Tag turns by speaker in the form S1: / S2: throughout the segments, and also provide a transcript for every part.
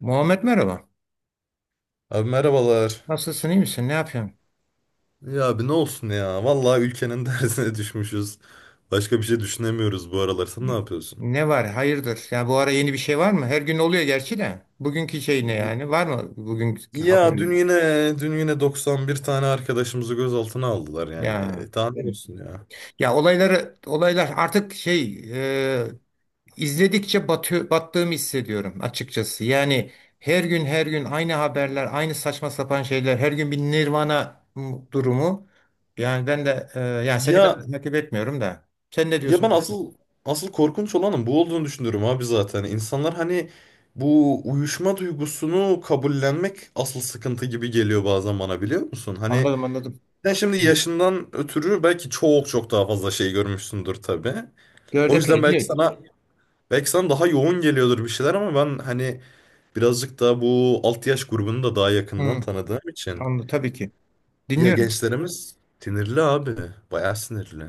S1: Muhammed merhaba.
S2: Abi merhabalar.
S1: Nasılsın, iyi misin? Ne yapıyorsun?
S2: Ya abi ne olsun ya. Vallahi ülkenin dersine düşmüşüz. Başka bir şey düşünemiyoruz bu aralar.
S1: Hı.
S2: Sen ne yapıyorsun?
S1: Ne var? Hayırdır? Ya bu ara yeni bir şey var mı? Her gün oluyor gerçi de. Bugünkü şey ne yani? Var mı bugünkü haber?
S2: Ya dün yine 91 tane arkadaşımızı gözaltına aldılar yani.
S1: Ya
S2: E, daha ne
S1: yani-
S2: olsun ya.
S1: ya olaylar artık şey e, izledikçe batıyor, battığımı hissediyorum açıkçası. Yani her gün her gün aynı haberler, aynı saçma sapan şeyler, her gün bir Nirvana durumu. Yani ben de yani seni kadar
S2: Ya
S1: takip etmiyorum da. Sen ne
S2: ya ben
S1: diyorsun?
S2: asıl korkunç olanın bu olduğunu düşünüyorum abi zaten. İnsanlar hani bu uyuşma duygusunu kabullenmek asıl sıkıntı gibi geliyor bazen bana biliyor musun? Hani
S1: Anladım, anladım.
S2: sen şimdi yaşından ötürü belki çok çok daha fazla şey görmüşsündür tabii.
S1: Gör
S2: O yüzden
S1: epey
S2: belki
S1: diyor.
S2: sana belki sana daha yoğun geliyordur bir şeyler ama ben hani birazcık da bu alt yaş grubunu da daha yakından
S1: Hı,
S2: tanıdığım için
S1: anlı tabii ki.
S2: ya
S1: Dinliyorum.
S2: gençlerimiz sinirli abi. Bayağı sinirli.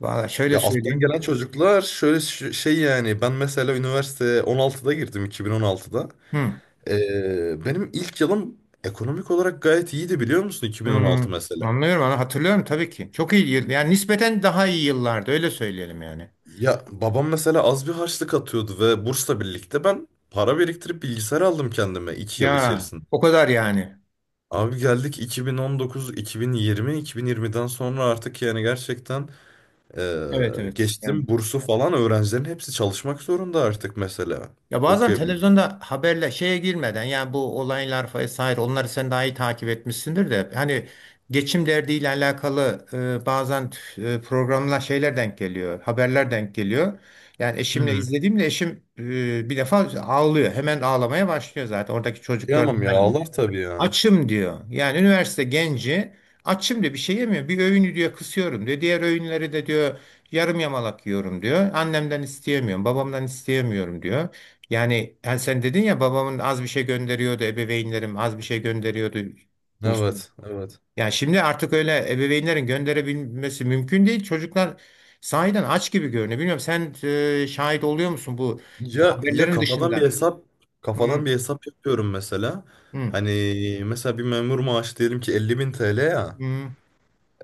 S1: Valla şöyle
S2: Ya alttan
S1: söyleyeyim.
S2: gelen çocuklar şöyle şey yani ben mesela üniversite 16'da girdim 2016'da.
S1: Hı,
S2: Benim ilk yılım ekonomik olarak gayet iyiydi biliyor musun
S1: hı,
S2: 2016 mesela.
S1: anlıyorum ama hatırlıyorum tabii ki. Çok iyi yıl. Yani nispeten daha iyi yıllardı öyle söyleyelim yani.
S2: Ya babam mesela az bir harçlık atıyordu ve bursla birlikte ben para biriktirip bilgisayar aldım kendime 2 yıl
S1: Ya
S2: içerisinde.
S1: o kadar yani.
S2: Abi geldik 2019, 2020, 2020'den sonra artık yani gerçekten
S1: Evet, evet. Yani,
S2: geçtim bursu falan, öğrencilerin hepsi çalışmak zorunda artık mesela
S1: ya bazen
S2: okuyabilmek.
S1: televizyonda haberle şeye girmeden yani bu olaylar vesaire onları sen daha iyi takip etmişsindir de hani geçim derdiyle alakalı bazen programlar şeyler denk geliyor, haberler denk geliyor. Yani
S2: Hı
S1: eşimle
S2: hı.
S1: izlediğimde eşim bir defa ağlıyor. Hemen ağlamaya başlıyor zaten. Oradaki çocuklar
S2: Kıyamam ya, ağlar tabii ya.
S1: açım diyor. Yani üniversite genci açım diyor, bir şey yemiyor. Bir öğünü diyor kısıyorum diyor. Diğer öğünleri de diyor yarım yamalak yiyorum diyor. Annemden isteyemiyorum, babamdan isteyemiyorum diyor. Yani, yani sen dedin ya babamın az bir şey gönderiyordu, ebeveynlerim az bir şey gönderiyordu kursuna.
S2: Evet, evet.
S1: Yani şimdi artık öyle ebeveynlerin gönderebilmesi mümkün değil. Çocuklar sahiden aç gibi görünüyor. Bilmiyorum sen şahit oluyor musun bu
S2: Ya
S1: haberlerin
S2: kafadan bir
S1: dışında?
S2: hesap
S1: Hı hı,
S2: kafadan bir hesap yapıyorum mesela.
S1: hı
S2: Hani mesela bir memur maaşı diyelim ki 50 bin TL ya.
S1: hı.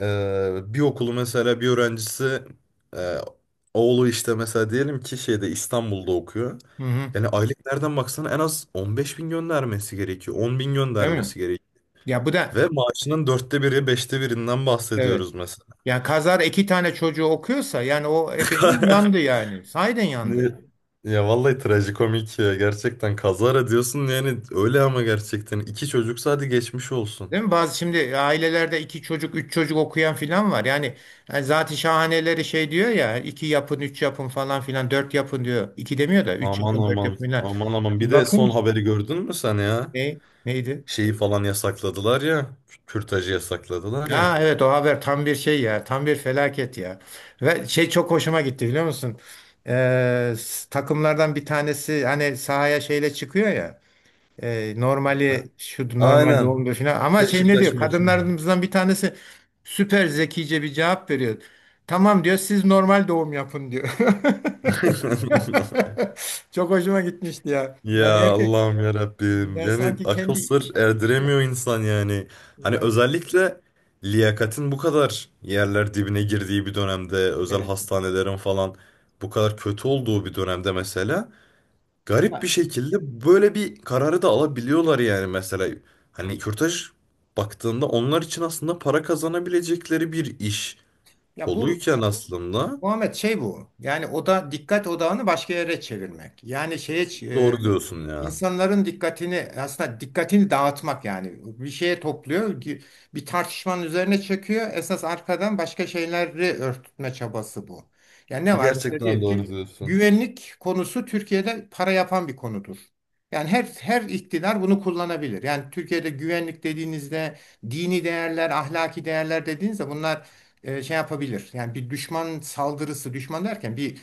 S2: Bir okulu mesela bir öğrencisi, e, oğlu işte mesela diyelim ki şeyde, İstanbul'da okuyor.
S1: Hı hı.
S2: Yani aylık nereden baksana en az 15 bin göndermesi gerekiyor. 10 bin
S1: Değil mi?
S2: göndermesi gerekiyor.
S1: Ya bu da,
S2: Ve maaşının dörtte biri, beşte birinden
S1: evet.
S2: bahsediyoruz mesela.
S1: Yani kazar iki tane çocuğu okuyorsa yani o ebeveyn yandı yani. Sahiden yandı.
S2: Ne- Ya vallahi trajikomik ya. Gerçekten kazara diyorsun yani öyle, ama gerçekten. İki çocuksa hadi geçmiş olsun.
S1: Değil mi? Bazı şimdi ailelerde iki çocuk, üç çocuk okuyan filan var. Yani, yani zat-ı şahaneleri şey diyor ya iki yapın, üç yapın falan filan, dört yapın diyor. İki demiyor da üç
S2: Aman
S1: yapın, dört
S2: aman.
S1: yapın filan.
S2: Aman aman. Bir de
S1: Bakın
S2: son haberi gördün mü sen ya?
S1: neydi?
S2: Şeyi falan yasakladılar ya. Kürtajı yasakladılar ya.
S1: Ha evet, o haber tam bir şey ya. Tam bir felaket ya. Ve şey çok hoşuma gitti biliyor musun? Takımlardan bir tanesi hani sahaya şeyle çıkıyor ya. Normali şu normal
S2: Aynen.
S1: doğumdur falan. Ama şey ne
S2: Beşiktaş
S1: diyor?
S2: maçında.
S1: Kadınlarımızdan bir tanesi süper zekice bir cevap veriyor. Tamam diyor siz normal doğum yapın diyor. Çok hoşuma gitmişti ya.
S2: Ya
S1: Yani erkek
S2: Allah'ım ya Rabbim.
S1: yani
S2: Yani
S1: sanki
S2: akıl
S1: kendi
S2: sır erdiremiyor insan yani. Hani
S1: ya,
S2: özellikle liyakatin bu kadar yerler dibine girdiği bir dönemde, özel
S1: evet.
S2: hastanelerin falan bu kadar kötü olduğu bir dönemde mesela garip bir
S1: Ya,
S2: şekilde böyle bir kararı da alabiliyorlar yani mesela. Hani kürtaj baktığında onlar için aslında para kazanabilecekleri bir iş
S1: ya bu
S2: koluyken aslında,
S1: Muhammed şey bu. Yani o da dikkat odağını başka yere çevirmek. Yani şeye e,
S2: doğru diyorsun ya.
S1: İnsanların dikkatini aslında dikkatini dağıtmak yani bir şeye topluyor bir tartışmanın üzerine çekiyor esas arkadan başka şeyleri örtme çabası bu. Yani ne var mesela
S2: Gerçekten
S1: diyelim
S2: doğru
S1: ki
S2: diyorsun.
S1: güvenlik konusu Türkiye'de para yapan bir konudur. Yani her iktidar bunu kullanabilir. Yani Türkiye'de güvenlik dediğinizde dini değerler, ahlaki değerler dediğinizde bunlar şey yapabilir. Yani bir düşman saldırısı, düşman derken bir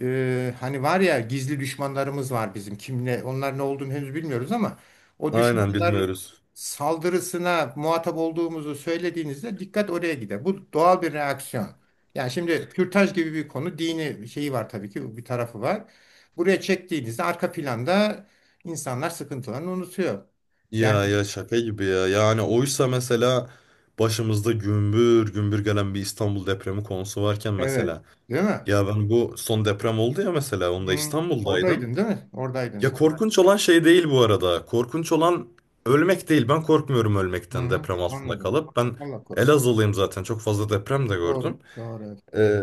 S1: hani var ya gizli düşmanlarımız var bizim. Kimle onlar ne olduğunu henüz bilmiyoruz ama o
S2: Aynen,
S1: düşmanlar
S2: bilmiyoruz.
S1: saldırısına muhatap olduğumuzu söylediğinizde dikkat oraya gider. Bu doğal bir reaksiyon. Yani şimdi kürtaj gibi bir konu dini şeyi var tabii ki bir tarafı var. Buraya çektiğinizde arka planda insanlar sıkıntılarını unutuyor.
S2: Ya
S1: Yani
S2: ya şaka gibi ya. Yani oysa mesela başımızda gümbür gümbür gelen bir İstanbul depremi konusu varken
S1: evet,
S2: mesela.
S1: değil mi?
S2: Ya ben bu son deprem oldu ya mesela, onda
S1: Hı,
S2: İstanbul'daydım.
S1: oradaydın değil mi? Oradaydın
S2: Ya
S1: sen.
S2: korkunç olan şey değil bu arada. Korkunç olan ölmek değil. Ben korkmuyorum
S1: Hı
S2: ölmekten,
S1: hı,
S2: deprem altında
S1: anladım.
S2: kalıp. Ben
S1: Allah korusun.
S2: Elazığlıyım zaten. Çok fazla deprem de
S1: Doğru,
S2: gördüm.
S1: doğru. Evet.
S2: Ee,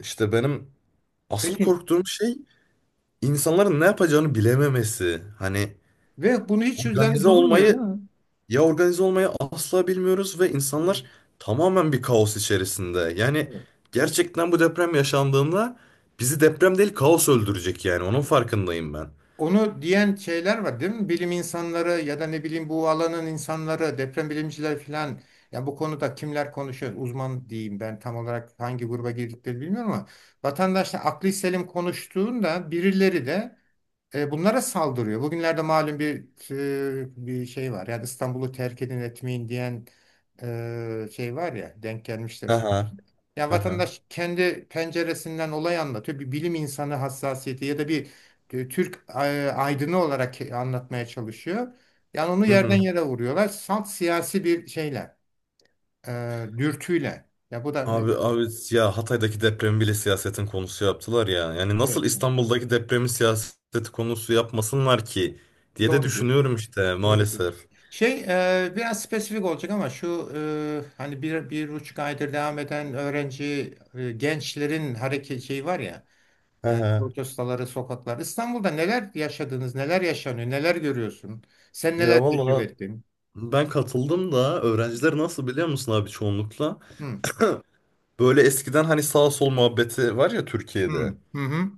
S2: işte benim asıl
S1: Peki.
S2: korktuğum şey insanların ne yapacağını bilememesi. Hani
S1: Ve bunu hiç üzerinde
S2: organize
S1: durulmuyor değil
S2: olmayı,
S1: mi?
S2: ya organize olmayı asla bilmiyoruz ve
S1: Hı.
S2: insanlar tamamen bir kaos içerisinde. Yani
S1: Evet.
S2: gerçekten bu deprem yaşandığında bizi deprem değil, kaos öldürecek yani. Onun farkındayım ben.
S1: Onu diyen şeyler var değil mi? Bilim insanları ya da ne bileyim bu alanın insanları, deprem bilimciler falan. Yani bu konuda kimler konuşuyor? Uzman diyeyim ben tam olarak hangi gruba girdikleri bilmiyorum ama vatandaşla akli selim konuştuğunda birileri de bunlara saldırıyor. Bugünlerde malum bir şey var. Yani İstanbul'u terk edin etmeyin diyen şey var ya denk gelmiştir sana.
S2: Aha,
S1: Yani
S2: aha.
S1: vatandaş kendi penceresinden olay anlatıyor. Bir bilim insanı hassasiyeti ya da bir Türk aydını olarak anlatmaya çalışıyor. Yani onu
S2: Hı
S1: yerden
S2: hı.
S1: yere vuruyorlar. Salt siyasi bir şeyle, e, dürtüyle. Ya bu da
S2: Abi abi ya, Hatay'daki depremi bile siyasetin konusu yaptılar ya. Yani nasıl
S1: evet yani.
S2: İstanbul'daki depremi siyaseti konusu yapmasınlar ki diye de
S1: Doğru diyorsun.
S2: düşünüyorum işte,
S1: Doğru
S2: maalesef.
S1: diyorsun. Şey biraz spesifik olacak ama şu hani bir, 1,5 aydır devam eden öğrenci gençlerin hareket şeyi var ya.
S2: Hı
S1: Evet,
S2: hı.
S1: protestoları, sokaklar. İstanbul'da neler yaşadınız, neler yaşanıyor, neler görüyorsun? Sen neler
S2: Ya
S1: tecrübe
S2: vallahi
S1: ettin?
S2: ben katıldım da, öğrenciler nasıl biliyor musun abi çoğunlukla?
S1: Hı,
S2: Böyle eskiden hani sağ sol muhabbeti var ya
S1: hı,
S2: Türkiye'de.
S1: hı, hı.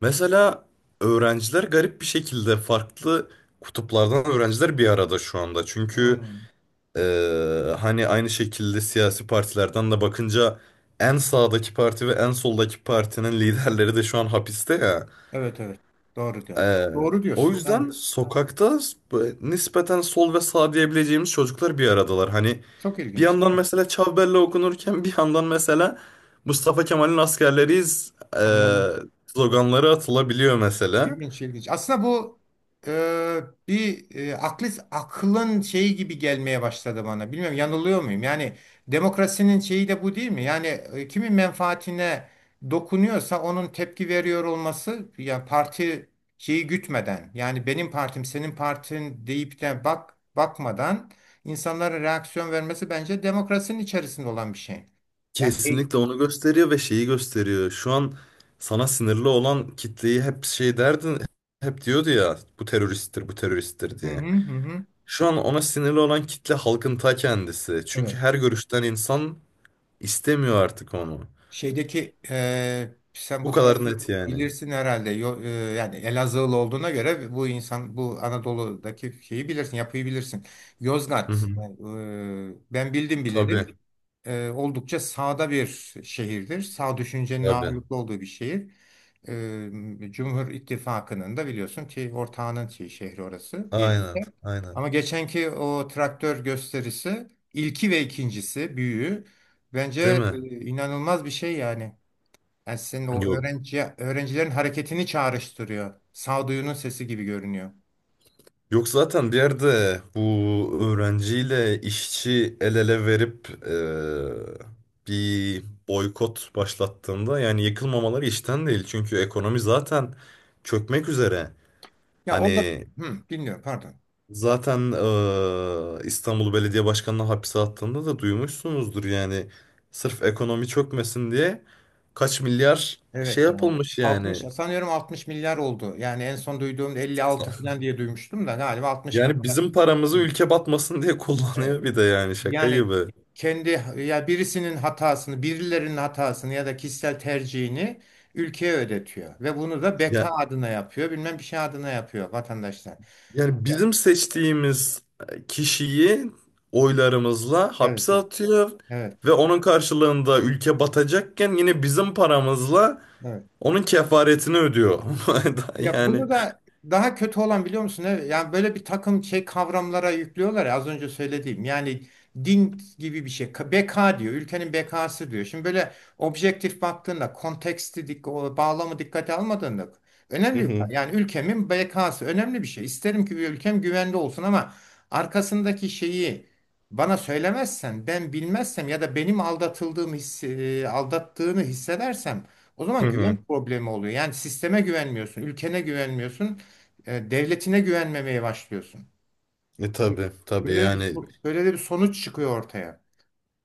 S2: Mesela öğrenciler garip bir şekilde farklı kutuplardan öğrenciler bir arada şu anda. Çünkü
S1: Hı.
S2: Hani aynı şekilde siyasi partilerden de bakınca, en sağdaki parti ve en soldaki partinin liderleri de şu an hapiste ya.
S1: Evet, evet. Doğru diyor.
S2: Ee,
S1: Doğru
S2: O
S1: diyorsun. Evet.
S2: yüzden sokakta nispeten sol ve sağ diyebileceğimiz çocuklar bir aradalar. Hani
S1: Çok
S2: bir
S1: ilginç, değil
S2: yandan
S1: mi?
S2: mesela Çavbelle okunurken, bir yandan mesela Mustafa Kemal'in askerleriyiz ee,
S1: Anladım.
S2: sloganları atılabiliyor mesela.
S1: İlginç, ilginç. Aslında bu e, bir aklın şeyi gibi gelmeye başladı bana. Bilmiyorum, yanılıyor muyum? Yani demokrasinin şeyi de bu değil mi? Yani kimin menfaatine dokunuyorsa onun tepki veriyor olması yani parti şeyi gütmeden yani benim partim senin partin deyip de bak bakmadan insanların reaksiyon vermesi bence demokrasinin içerisinde olan bir şey. Yani
S2: Kesinlikle onu gösteriyor ve şeyi gösteriyor. Şu an sana sinirli olan kitleyi hep şey derdin, hep diyordu ya, bu teröristtir, bu teröristtir
S1: hı
S2: diye.
S1: hı hı. Hı.
S2: Şu an ona sinirli olan kitle halkın ta kendisi. Çünkü
S1: Evet.
S2: her görüşten insan istemiyor artık onu.
S1: Şeydeki sen
S2: Bu
S1: bu tarafı
S2: kadar net yani.
S1: bilirsin herhalde. Yani Elazığlı olduğuna göre bu insan bu Anadolu'daki şeyi bilirsin, yapıyı bilirsin.
S2: Hı
S1: Yozgat.
S2: hı.
S1: Yani, ben bildim bileli.
S2: Tabii,
S1: Oldukça sağda bir şehirdir. Sağ düşüncenin
S2: tabii.
S1: ağırlıklı olduğu bir şehir. Cumhur İttifakı'nın da biliyorsun ki ortağının şey, şehri orası diye.
S2: Aynen, aynen.
S1: Ama geçenki o traktör gösterisi ilki ve ikincisi büyüğü bence
S2: Değil
S1: e,
S2: mi?
S1: inanılmaz bir şey yani. Yani senin o
S2: Yok.
S1: öğrenci öğrencilerin hareketini çağrıştırıyor. Sağduyunun sesi gibi görünüyor.
S2: Yok zaten, bir yerde bu öğrenciyle işçi el ele verip bir boykot başlattığında yani yıkılmamaları işten değil. Çünkü ekonomi zaten çökmek üzere.
S1: Ya orada,
S2: Hani
S1: hı, dinliyorum pardon.
S2: zaten İstanbul Belediye Başkanı'na hapse attığında da duymuşsunuzdur yani. Sırf ekonomi çökmesin diye kaç milyar şey
S1: Evet ya.
S2: yapılmış
S1: 60
S2: yani.
S1: sanıyorum, 60 milyar oldu. Yani en son duyduğumda 56 falan diye duymuştum da galiba 60 milyar.
S2: Yani bizim
S1: Hı.
S2: paramızı ülke batmasın diye
S1: Evet.
S2: kullanıyor bir de, yani şaka
S1: Yani
S2: gibi.
S1: kendi ya birisinin hatasını, birilerinin hatasını ya da kişisel tercihini ülkeye ödetiyor ve bunu da beka
S2: Ya,
S1: adına yapıyor, bilmem bir şey adına yapıyor vatandaşlar.
S2: yani
S1: Ya,
S2: bizim seçtiğimiz kişiyi oylarımızla
S1: evet,
S2: hapse
S1: evet,
S2: atıyor
S1: evet,
S2: ve onun karşılığında, ülke batacakken, yine bizim paramızla
S1: evet.
S2: onun kefaretini ödüyor.
S1: Ya
S2: Yani.
S1: bunu da daha kötü olan biliyor musun? Evet. Yani böyle bir takım şey kavramlara yüklüyorlar ya az önce söylediğim. Yani din gibi bir şey. Beka diyor. Ülkenin bekası diyor. Şimdi böyle objektif baktığında konteksti, o bağlamı dikkate almadığında
S2: Hı hı.
S1: yani ülkemin bekası önemli bir şey. İsterim ki bir ülkem güvende olsun ama arkasındaki şeyi bana söylemezsen, ben bilmezsem ya da benim aldatıldığım hissi, aldattığını hissedersem o
S2: Hı
S1: zaman güven
S2: hı.
S1: problemi oluyor. Yani sisteme güvenmiyorsun, ülkene güvenmiyorsun, devletine güvenmemeye başlıyorsun.
S2: E tabi tabi
S1: Böyle de bir,
S2: yani.
S1: böyle de bir sonuç çıkıyor ortaya.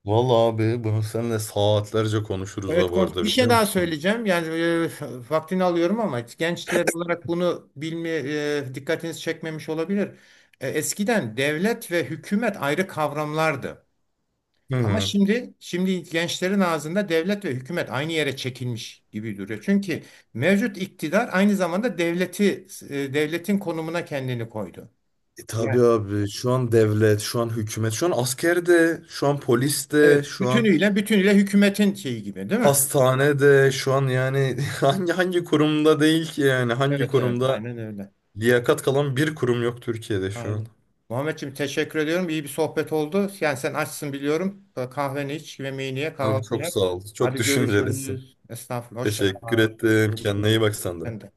S2: Vallahi abi bunu seninle saatlerce konuşuruz
S1: Evet,
S2: ha, bu arada
S1: bir şey
S2: biliyor
S1: daha
S2: musun?
S1: söyleyeceğim. Yani vaktini alıyorum ama gençler olarak bunu bilme dikkatiniz çekmemiş olabilir. Eskiden devlet ve hükümet ayrı kavramlardı.
S2: Hı
S1: Ama
S2: hı.
S1: şimdi gençlerin ağzında devlet ve hükümet aynı yere çekilmiş gibi duruyor. Çünkü mevcut iktidar aynı zamanda devletin konumuna kendini koydu.
S2: E tabii
S1: Ya
S2: abi, şu an devlet, şu an hükümet, şu an asker de, şu an polis de,
S1: evet.
S2: şu an
S1: Bütünüyle bütünüyle hükümetin şeyi gibi değil mi?
S2: hastanede şu an yani. Hangi kurumda değil ki yani, hangi
S1: Evet, evet, evet.
S2: kurumda
S1: Aynen öyle.
S2: liyakat kalan bir kurum yok Türkiye'de şu an.
S1: Aynen. Muhammedciğim teşekkür ediyorum. İyi bir sohbet oldu. Yani sen açsın biliyorum. Kahveni iç, yemeğini ye,
S2: Abi
S1: kahvaltını
S2: çok
S1: yap.
S2: sağ ol. Çok
S1: Hadi
S2: düşüncelisin.
S1: görüşürüz. Estağfurullah. Hoşça
S2: Teşekkür
S1: kal.
S2: ettim. Kendine iyi
S1: Görüşürüz.
S2: bak sen de.
S1: Ben de.